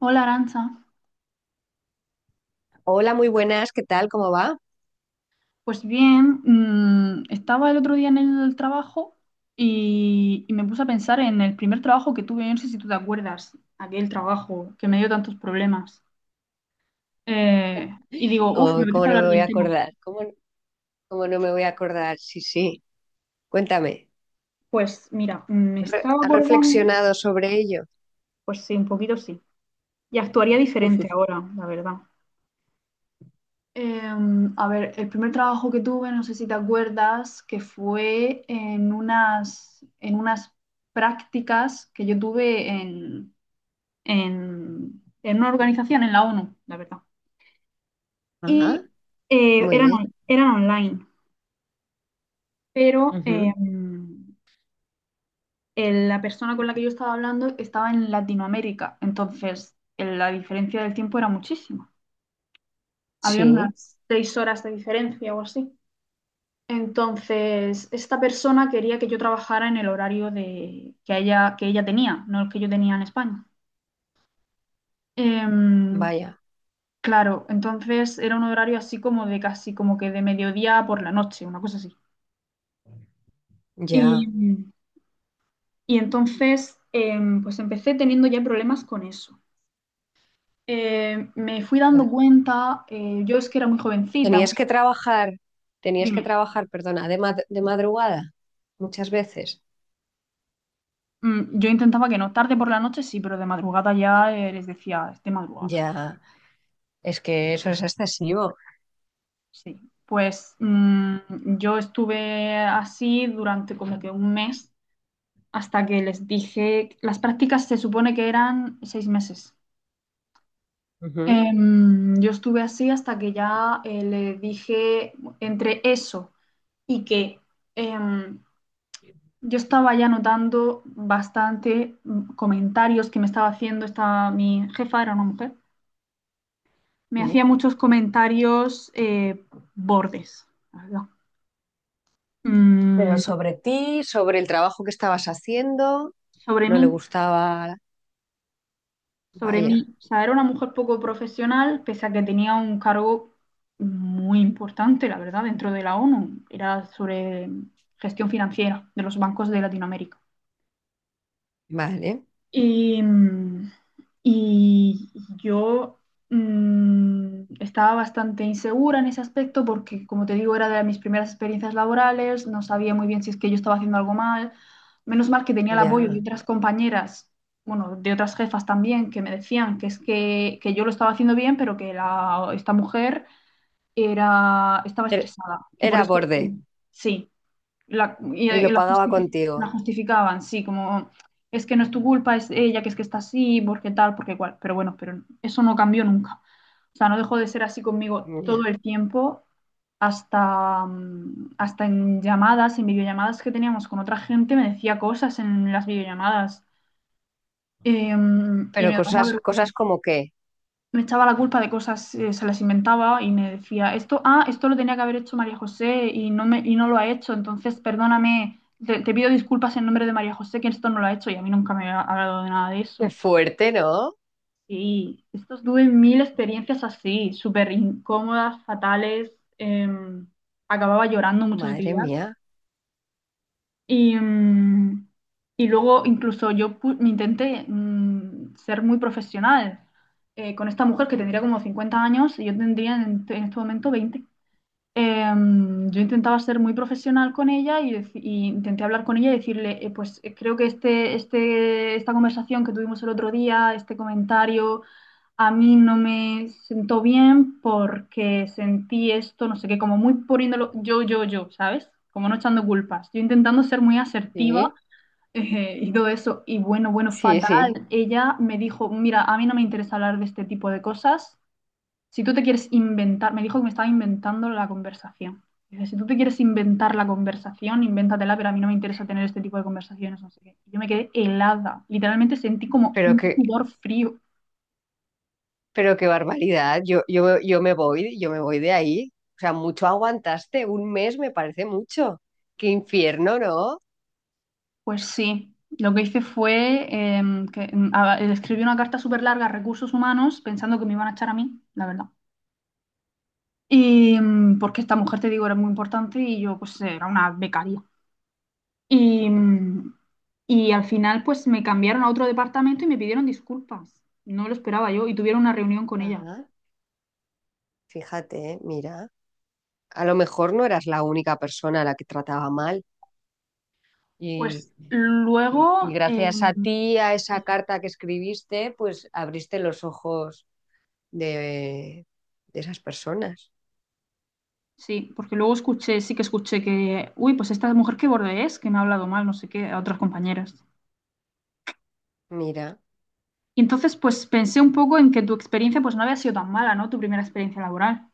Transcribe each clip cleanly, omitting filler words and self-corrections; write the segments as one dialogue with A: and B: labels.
A: Hola, Aranza.
B: Hola, muy buenas, ¿qué tal? ¿Cómo va?
A: Pues bien, estaba el otro día en el trabajo y me puse a pensar en el primer trabajo que tuve, no sé si tú te acuerdas, aquel trabajo que me dio tantos problemas. Eh, y digo, uff, me
B: Oh,
A: apetece
B: ¿cómo no
A: hablar
B: me voy
A: del
B: a
A: tema.
B: acordar? ¿Cómo no me voy a acordar? Sí, sí, cuéntame.
A: Pues mira, me estaba
B: ¿Has
A: acordando.
B: reflexionado sobre ello?
A: Pues sí, un poquito sí, y actuaría diferente ahora, la verdad. A ver, el primer trabajo que tuve, no sé si te acuerdas, que fue en unas prácticas que yo tuve en en una organización, en la ONU, la verdad. Y
B: Ajá, muy
A: eran,
B: bien.
A: eran online, pero
B: Ujú.
A: la persona con la que yo estaba hablando estaba en Latinoamérica, entonces la diferencia del tiempo era muchísima. Había
B: Sí,
A: unas 6 horas de diferencia o así. Entonces, esta persona quería que yo trabajara en el horario de, que ella tenía, no el que yo tenía en España. Em,
B: vaya,
A: Claro, entonces era un horario así como de casi como que de mediodía por la noche, una cosa así. Y,
B: ya.
A: y entonces pues empecé teniendo ya problemas con eso. Me fui dando cuenta, yo es que era muy jovencita,
B: Tenías que trabajar, tenías que
A: dime.
B: trabajar, perdona, de madrugada muchas veces.
A: Yo intentaba que no, tarde por la noche sí, pero de madrugada ya les decía, es de madrugada,
B: Ya, es que eso es excesivo.
A: sí. Pues yo estuve así durante como que un mes hasta que les dije, las prácticas se supone que eran 6 meses.
B: Ujú.
A: Yo estuve así hasta que ya le dije, entre eso y que em, yo estaba ya notando bastante comentarios que me estaba haciendo esta, mi jefa era una mujer, me hacía
B: Sí.
A: muchos comentarios bordes, la verdad,
B: Pero
A: mm,
B: sobre ti, sobre el trabajo que estabas haciendo,
A: sobre
B: no le
A: mí.
B: gustaba.
A: Sobre
B: Vaya,
A: mí. O sea, era una mujer poco profesional, pese a que tenía un cargo muy importante, la verdad, dentro de la ONU. Era sobre gestión financiera de los bancos de Latinoamérica.
B: vale.
A: Y y yo estaba bastante insegura en ese aspecto porque, como te digo, era de mis primeras experiencias laborales, no sabía muy bien si es que yo estaba haciendo algo mal. Menos mal que tenía el apoyo de
B: Ya.
A: otras compañeras, bueno, de otras jefas también, que me decían que que yo lo estaba haciendo bien, pero que la, esta mujer era, estaba
B: Er-
A: estresada, que por
B: Era
A: eso
B: borde
A: sí. La, y,
B: y
A: y
B: lo
A: la,
B: pagaba
A: la
B: contigo.
A: justificaban, sí, como es que no es tu culpa, es ella, que es que está así, porque tal, porque cual. Pero bueno, pero eso no cambió nunca. O sea, no dejó de ser así conmigo todo
B: Ya.
A: el tiempo, hasta, hasta en llamadas, en videollamadas que teníamos con otra gente, me decía cosas en las videollamadas. Y me
B: Pero
A: daba una
B: cosas, cosas
A: vergüenza.
B: como que,
A: Me echaba la culpa de cosas, se las inventaba y me decía, esto, ah, esto lo tenía que haber hecho María José y no me, y no lo ha hecho, entonces perdóname, te pido disculpas en nombre de María José, que esto no lo ha hecho y a mí nunca me ha hablado de nada de eso.
B: qué fuerte, ¿no?
A: Sí, estos tuve mil experiencias así, súper incómodas, fatales, em, acababa llorando muchos
B: Madre
A: días.
B: mía.
A: Y, y luego incluso yo intenté ser muy profesional con esta mujer que tendría como 50 años y yo tendría en este momento 20. Yo intentaba ser muy profesional con ella y, y intenté hablar con ella y decirle, pues creo que esta conversación que tuvimos el otro día, este comentario a mí no me sentó bien porque sentí esto, no sé qué, como muy poniéndolo yo, yo, yo, ¿sabes? Como no echando culpas. Yo intentando ser muy asertiva
B: Sí,
A: y todo eso. Y bueno, bueno,
B: sí,
A: fatal.
B: sí.
A: Ella me dijo, mira, a mí no me interesa hablar de este tipo de cosas. Si tú te quieres inventar, me dijo que me estaba inventando la conversación. Dice, si tú te quieres inventar la conversación, invéntatela, pero a mí no me interesa tener este tipo de conversaciones, no sé qué. Y yo me quedé helada. Literalmente sentí como
B: Pero
A: un
B: qué,
A: sudor frío.
B: pero qué barbaridad. Yo me voy, yo me voy de ahí. O sea, mucho aguantaste. Un mes me parece mucho. Qué infierno, ¿no?
A: Pues sí, lo que hice fue escribí una carta súper larga a recursos humanos pensando que me iban a echar a mí, la verdad. Y porque esta mujer, te digo, era muy importante y yo pues era una becaria. Y, y al final pues me cambiaron a otro departamento y me pidieron disculpas. No lo esperaba yo, y tuvieron una reunión con ella.
B: Ah, fíjate, mira. A lo mejor no eras la única persona a la que trataba mal. Y,
A: Pues
B: y
A: luego,
B: gracias a ti, a esa carta que escribiste, pues abriste los ojos de, de esas personas.
A: sí, porque luego escuché, sí que escuché que, uy, pues esta mujer qué borde es, que me ha hablado mal, no sé qué, a otras compañeras.
B: Mira,
A: Y entonces, pues pensé un poco en que tu experiencia pues no había sido tan mala, ¿no? Tu primera experiencia laboral.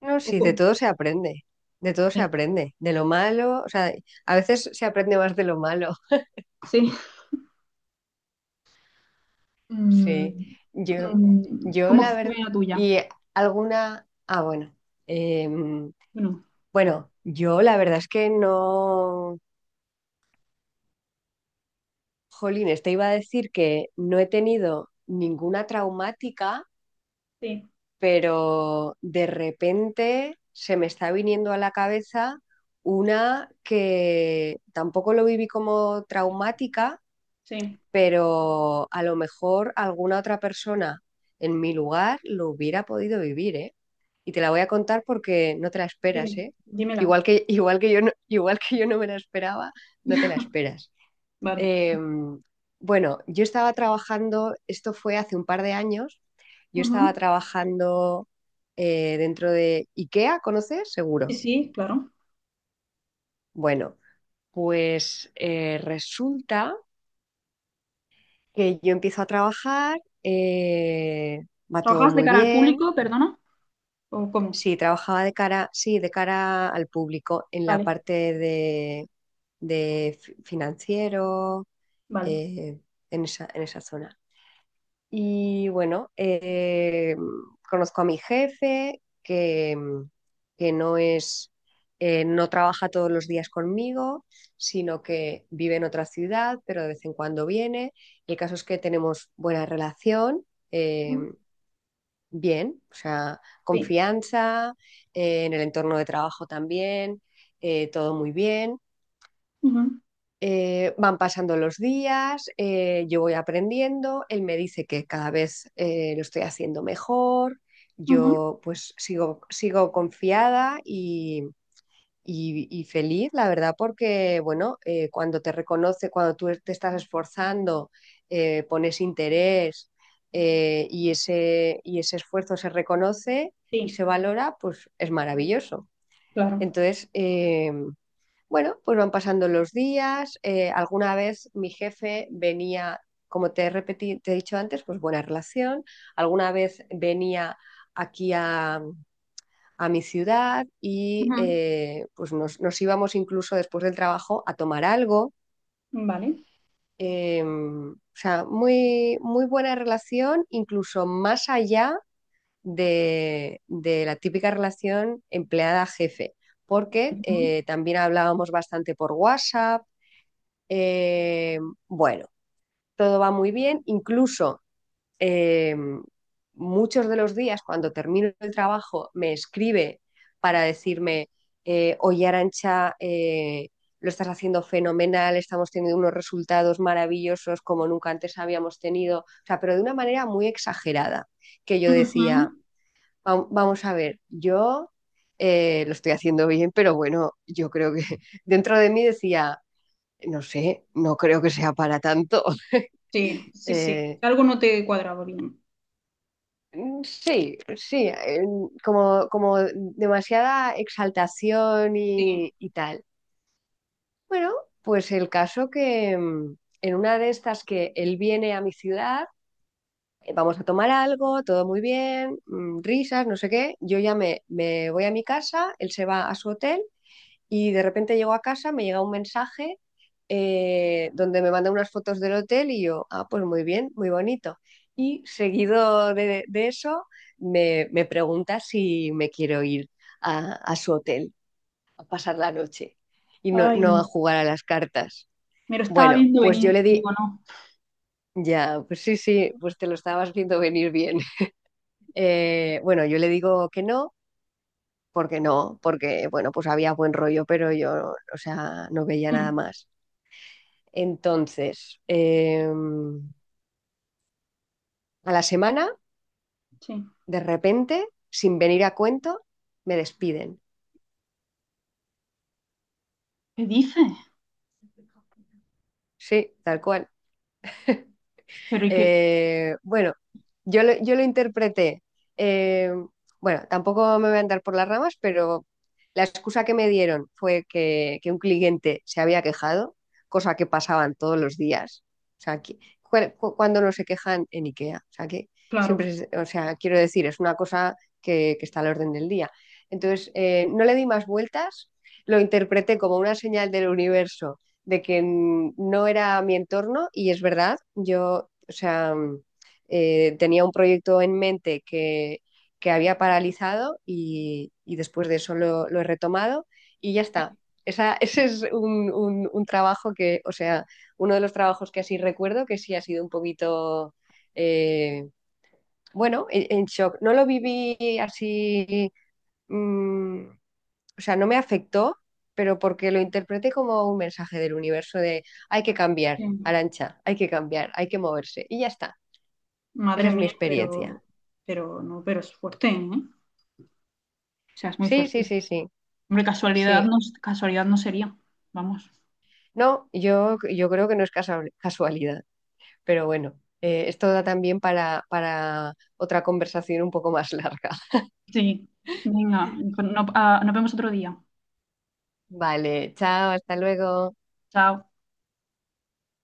B: no,
A: Un
B: sí,
A: poco,
B: de todo se aprende, de todo se
A: sí,
B: aprende, de lo malo, o sea, a veces se aprende más de lo malo.
A: sí. Mm,
B: Sí, yo, yo
A: ¿cómo
B: la
A: fue
B: verdad,
A: la tuya?
B: y alguna, ah, bueno, em,
A: Bueno,
B: bueno, yo la verdad es que no. Jolín, te iba a decir que no he tenido ninguna traumática,
A: sí,
B: pero de repente se me está viniendo a la cabeza una que tampoco lo viví como traumática,
A: sí.
B: pero a lo mejor alguna otra persona en mi lugar lo hubiera podido vivir, ¿eh? Y te la voy a contar porque no te la esperas,
A: Dime,
B: ¿eh?
A: dímela.
B: Igual que, igual que yo no, igual que yo no me la esperaba, no te la esperas.
A: Vale.
B: Eh, bueno, yo estaba trabajando, esto fue hace un par de años, yo estaba
A: Ujú.
B: trabajando dentro de IKEA, ¿conoces?
A: Sí,
B: Seguro.
A: sí, claro.
B: Bueno, pues resulta que yo empiezo a trabajar, va todo
A: ¿Trabajas de
B: muy
A: cara al
B: bien.
A: público, perdona? ¿O cómo?
B: Sí, trabajaba de cara, sí, de cara al público en la
A: Vale,
B: parte de, financiero,
A: vale.
B: eh, en esa zona. Y bueno, conozco a mi jefe, que, que no es, no trabaja todos los días conmigo, sino que vive en otra ciudad, pero de vez en cuando viene. El caso es que tenemos buena relación, eh,
A: Mm,
B: bien, o sea,
A: sí,
B: confianza, en el entorno de trabajo también, todo muy bien.
A: ujú,
B: Van pasando los días, yo voy aprendiendo, él me dice que cada vez lo estoy haciendo mejor,
A: ujú,
B: yo pues sigo, sigo confiada y feliz, la verdad, porque bueno, cuando te reconoce, cuando tú te estás esforzando, pones interés y ese esfuerzo se reconoce y
A: sí,
B: se valora, pues es maravilloso.
A: claro.
B: Entonces, bueno, pues van pasando los días. Alguna vez mi jefe venía, como te he te he dicho antes, pues buena relación. Alguna vez venía aquí a mi ciudad y
A: Ujú,
B: pues nos, nos íbamos incluso después del trabajo a tomar algo.
A: vale.
B: O sea, muy, muy buena relación, incluso más allá de la típica relación empleada-jefe, porque
A: Ujú,
B: también hablábamos bastante por WhatsApp. Eh, bueno, todo va muy bien, incluso eh, muchos de los días cuando termino el trabajo me escribe para decirme, oye Arancha, lo estás haciendo fenomenal, estamos teniendo unos resultados maravillosos como nunca antes habíamos tenido, o sea, pero de una manera muy exagerada, que yo decía,
A: ujú.
B: Vamos a ver, yo lo estoy haciendo bien, pero bueno, yo creo que dentro de mí decía, no sé, no creo que sea para tanto."
A: Sí, sí, sí.
B: Eh,
A: Algo no te cuadraba bien.
B: sí, sí, como, como demasiada exaltación
A: Sí.
B: y tal. Bueno, pues el caso que en una de estas que él viene a mi ciudad, vamos a tomar algo, todo muy bien, risas, no sé qué, yo ya me voy a mi casa, él se va a su hotel. Y de repente llego a casa, me llega un mensaje donde me manda unas fotos del hotel y yo, ah, pues muy bien, muy bonito. Y seguido de eso, me pregunta si me quiero ir a su hotel a pasar la noche y no,
A: Ay,
B: no a jugar a las cartas.
A: me lo estaba
B: Bueno,
A: viendo
B: pues yo
A: venir,
B: le
A: digo,
B: di,
A: no.
B: ya, pues sí, sí, pues te lo estabas viendo venir bien. Bueno, yo le digo que no, porque no, porque, bueno, pues había buen rollo, pero yo, o sea, no veía nada
A: Mm,
B: más. Entonces, a la semana,
A: sí.
B: de repente, sin venir a cuento, me despiden.
A: ¿Qué dices?
B: Sí, tal cual.
A: Pero y que,
B: Bueno, yo lo interpreté. eh, bueno, tampoco me voy a andar por las ramas, pero la excusa que me dieron fue que un cliente se había quejado, cosa que pasaban todos los días. O sea, cuando no se quejan en IKEA. O sea, que
A: claro,
B: siempre, o sea, quiero decir, es una cosa que está al orden del día. Entonces, no le di más vueltas, lo interpreté como una señal del universo de que no era mi entorno y es verdad, yo o sea, tenía un proyecto en mente que había paralizado y después de eso lo he retomado y ya
A: sí,
B: está. Esa, ese es un, un trabajo que, o sea, uno de los trabajos que así recuerdo que sí ha sido un poquito, eh, bueno, en shock. No lo viví así, mm, o sea, no me afectó, pero porque lo interpreté como un mensaje del universo de hay que cambiar,
A: sí.
B: Arancha, hay que cambiar, hay que moverse y ya está.
A: Madre
B: Esa es mi
A: mía,
B: experiencia.
A: pero no, pero es fuerte, ¿eh? O sea, es muy
B: Sí, sí,
A: fuerte.
B: sí, sí,
A: Hombre,
B: sí.
A: casualidad no sería. Vamos.
B: No, yo creo que no es casualidad, pero bueno, esto da también para otra conversación un poco más larga.
A: Sí. Venga, no, no, ah, nos vemos otro día.
B: Vale, chao, hasta luego.
A: Chao.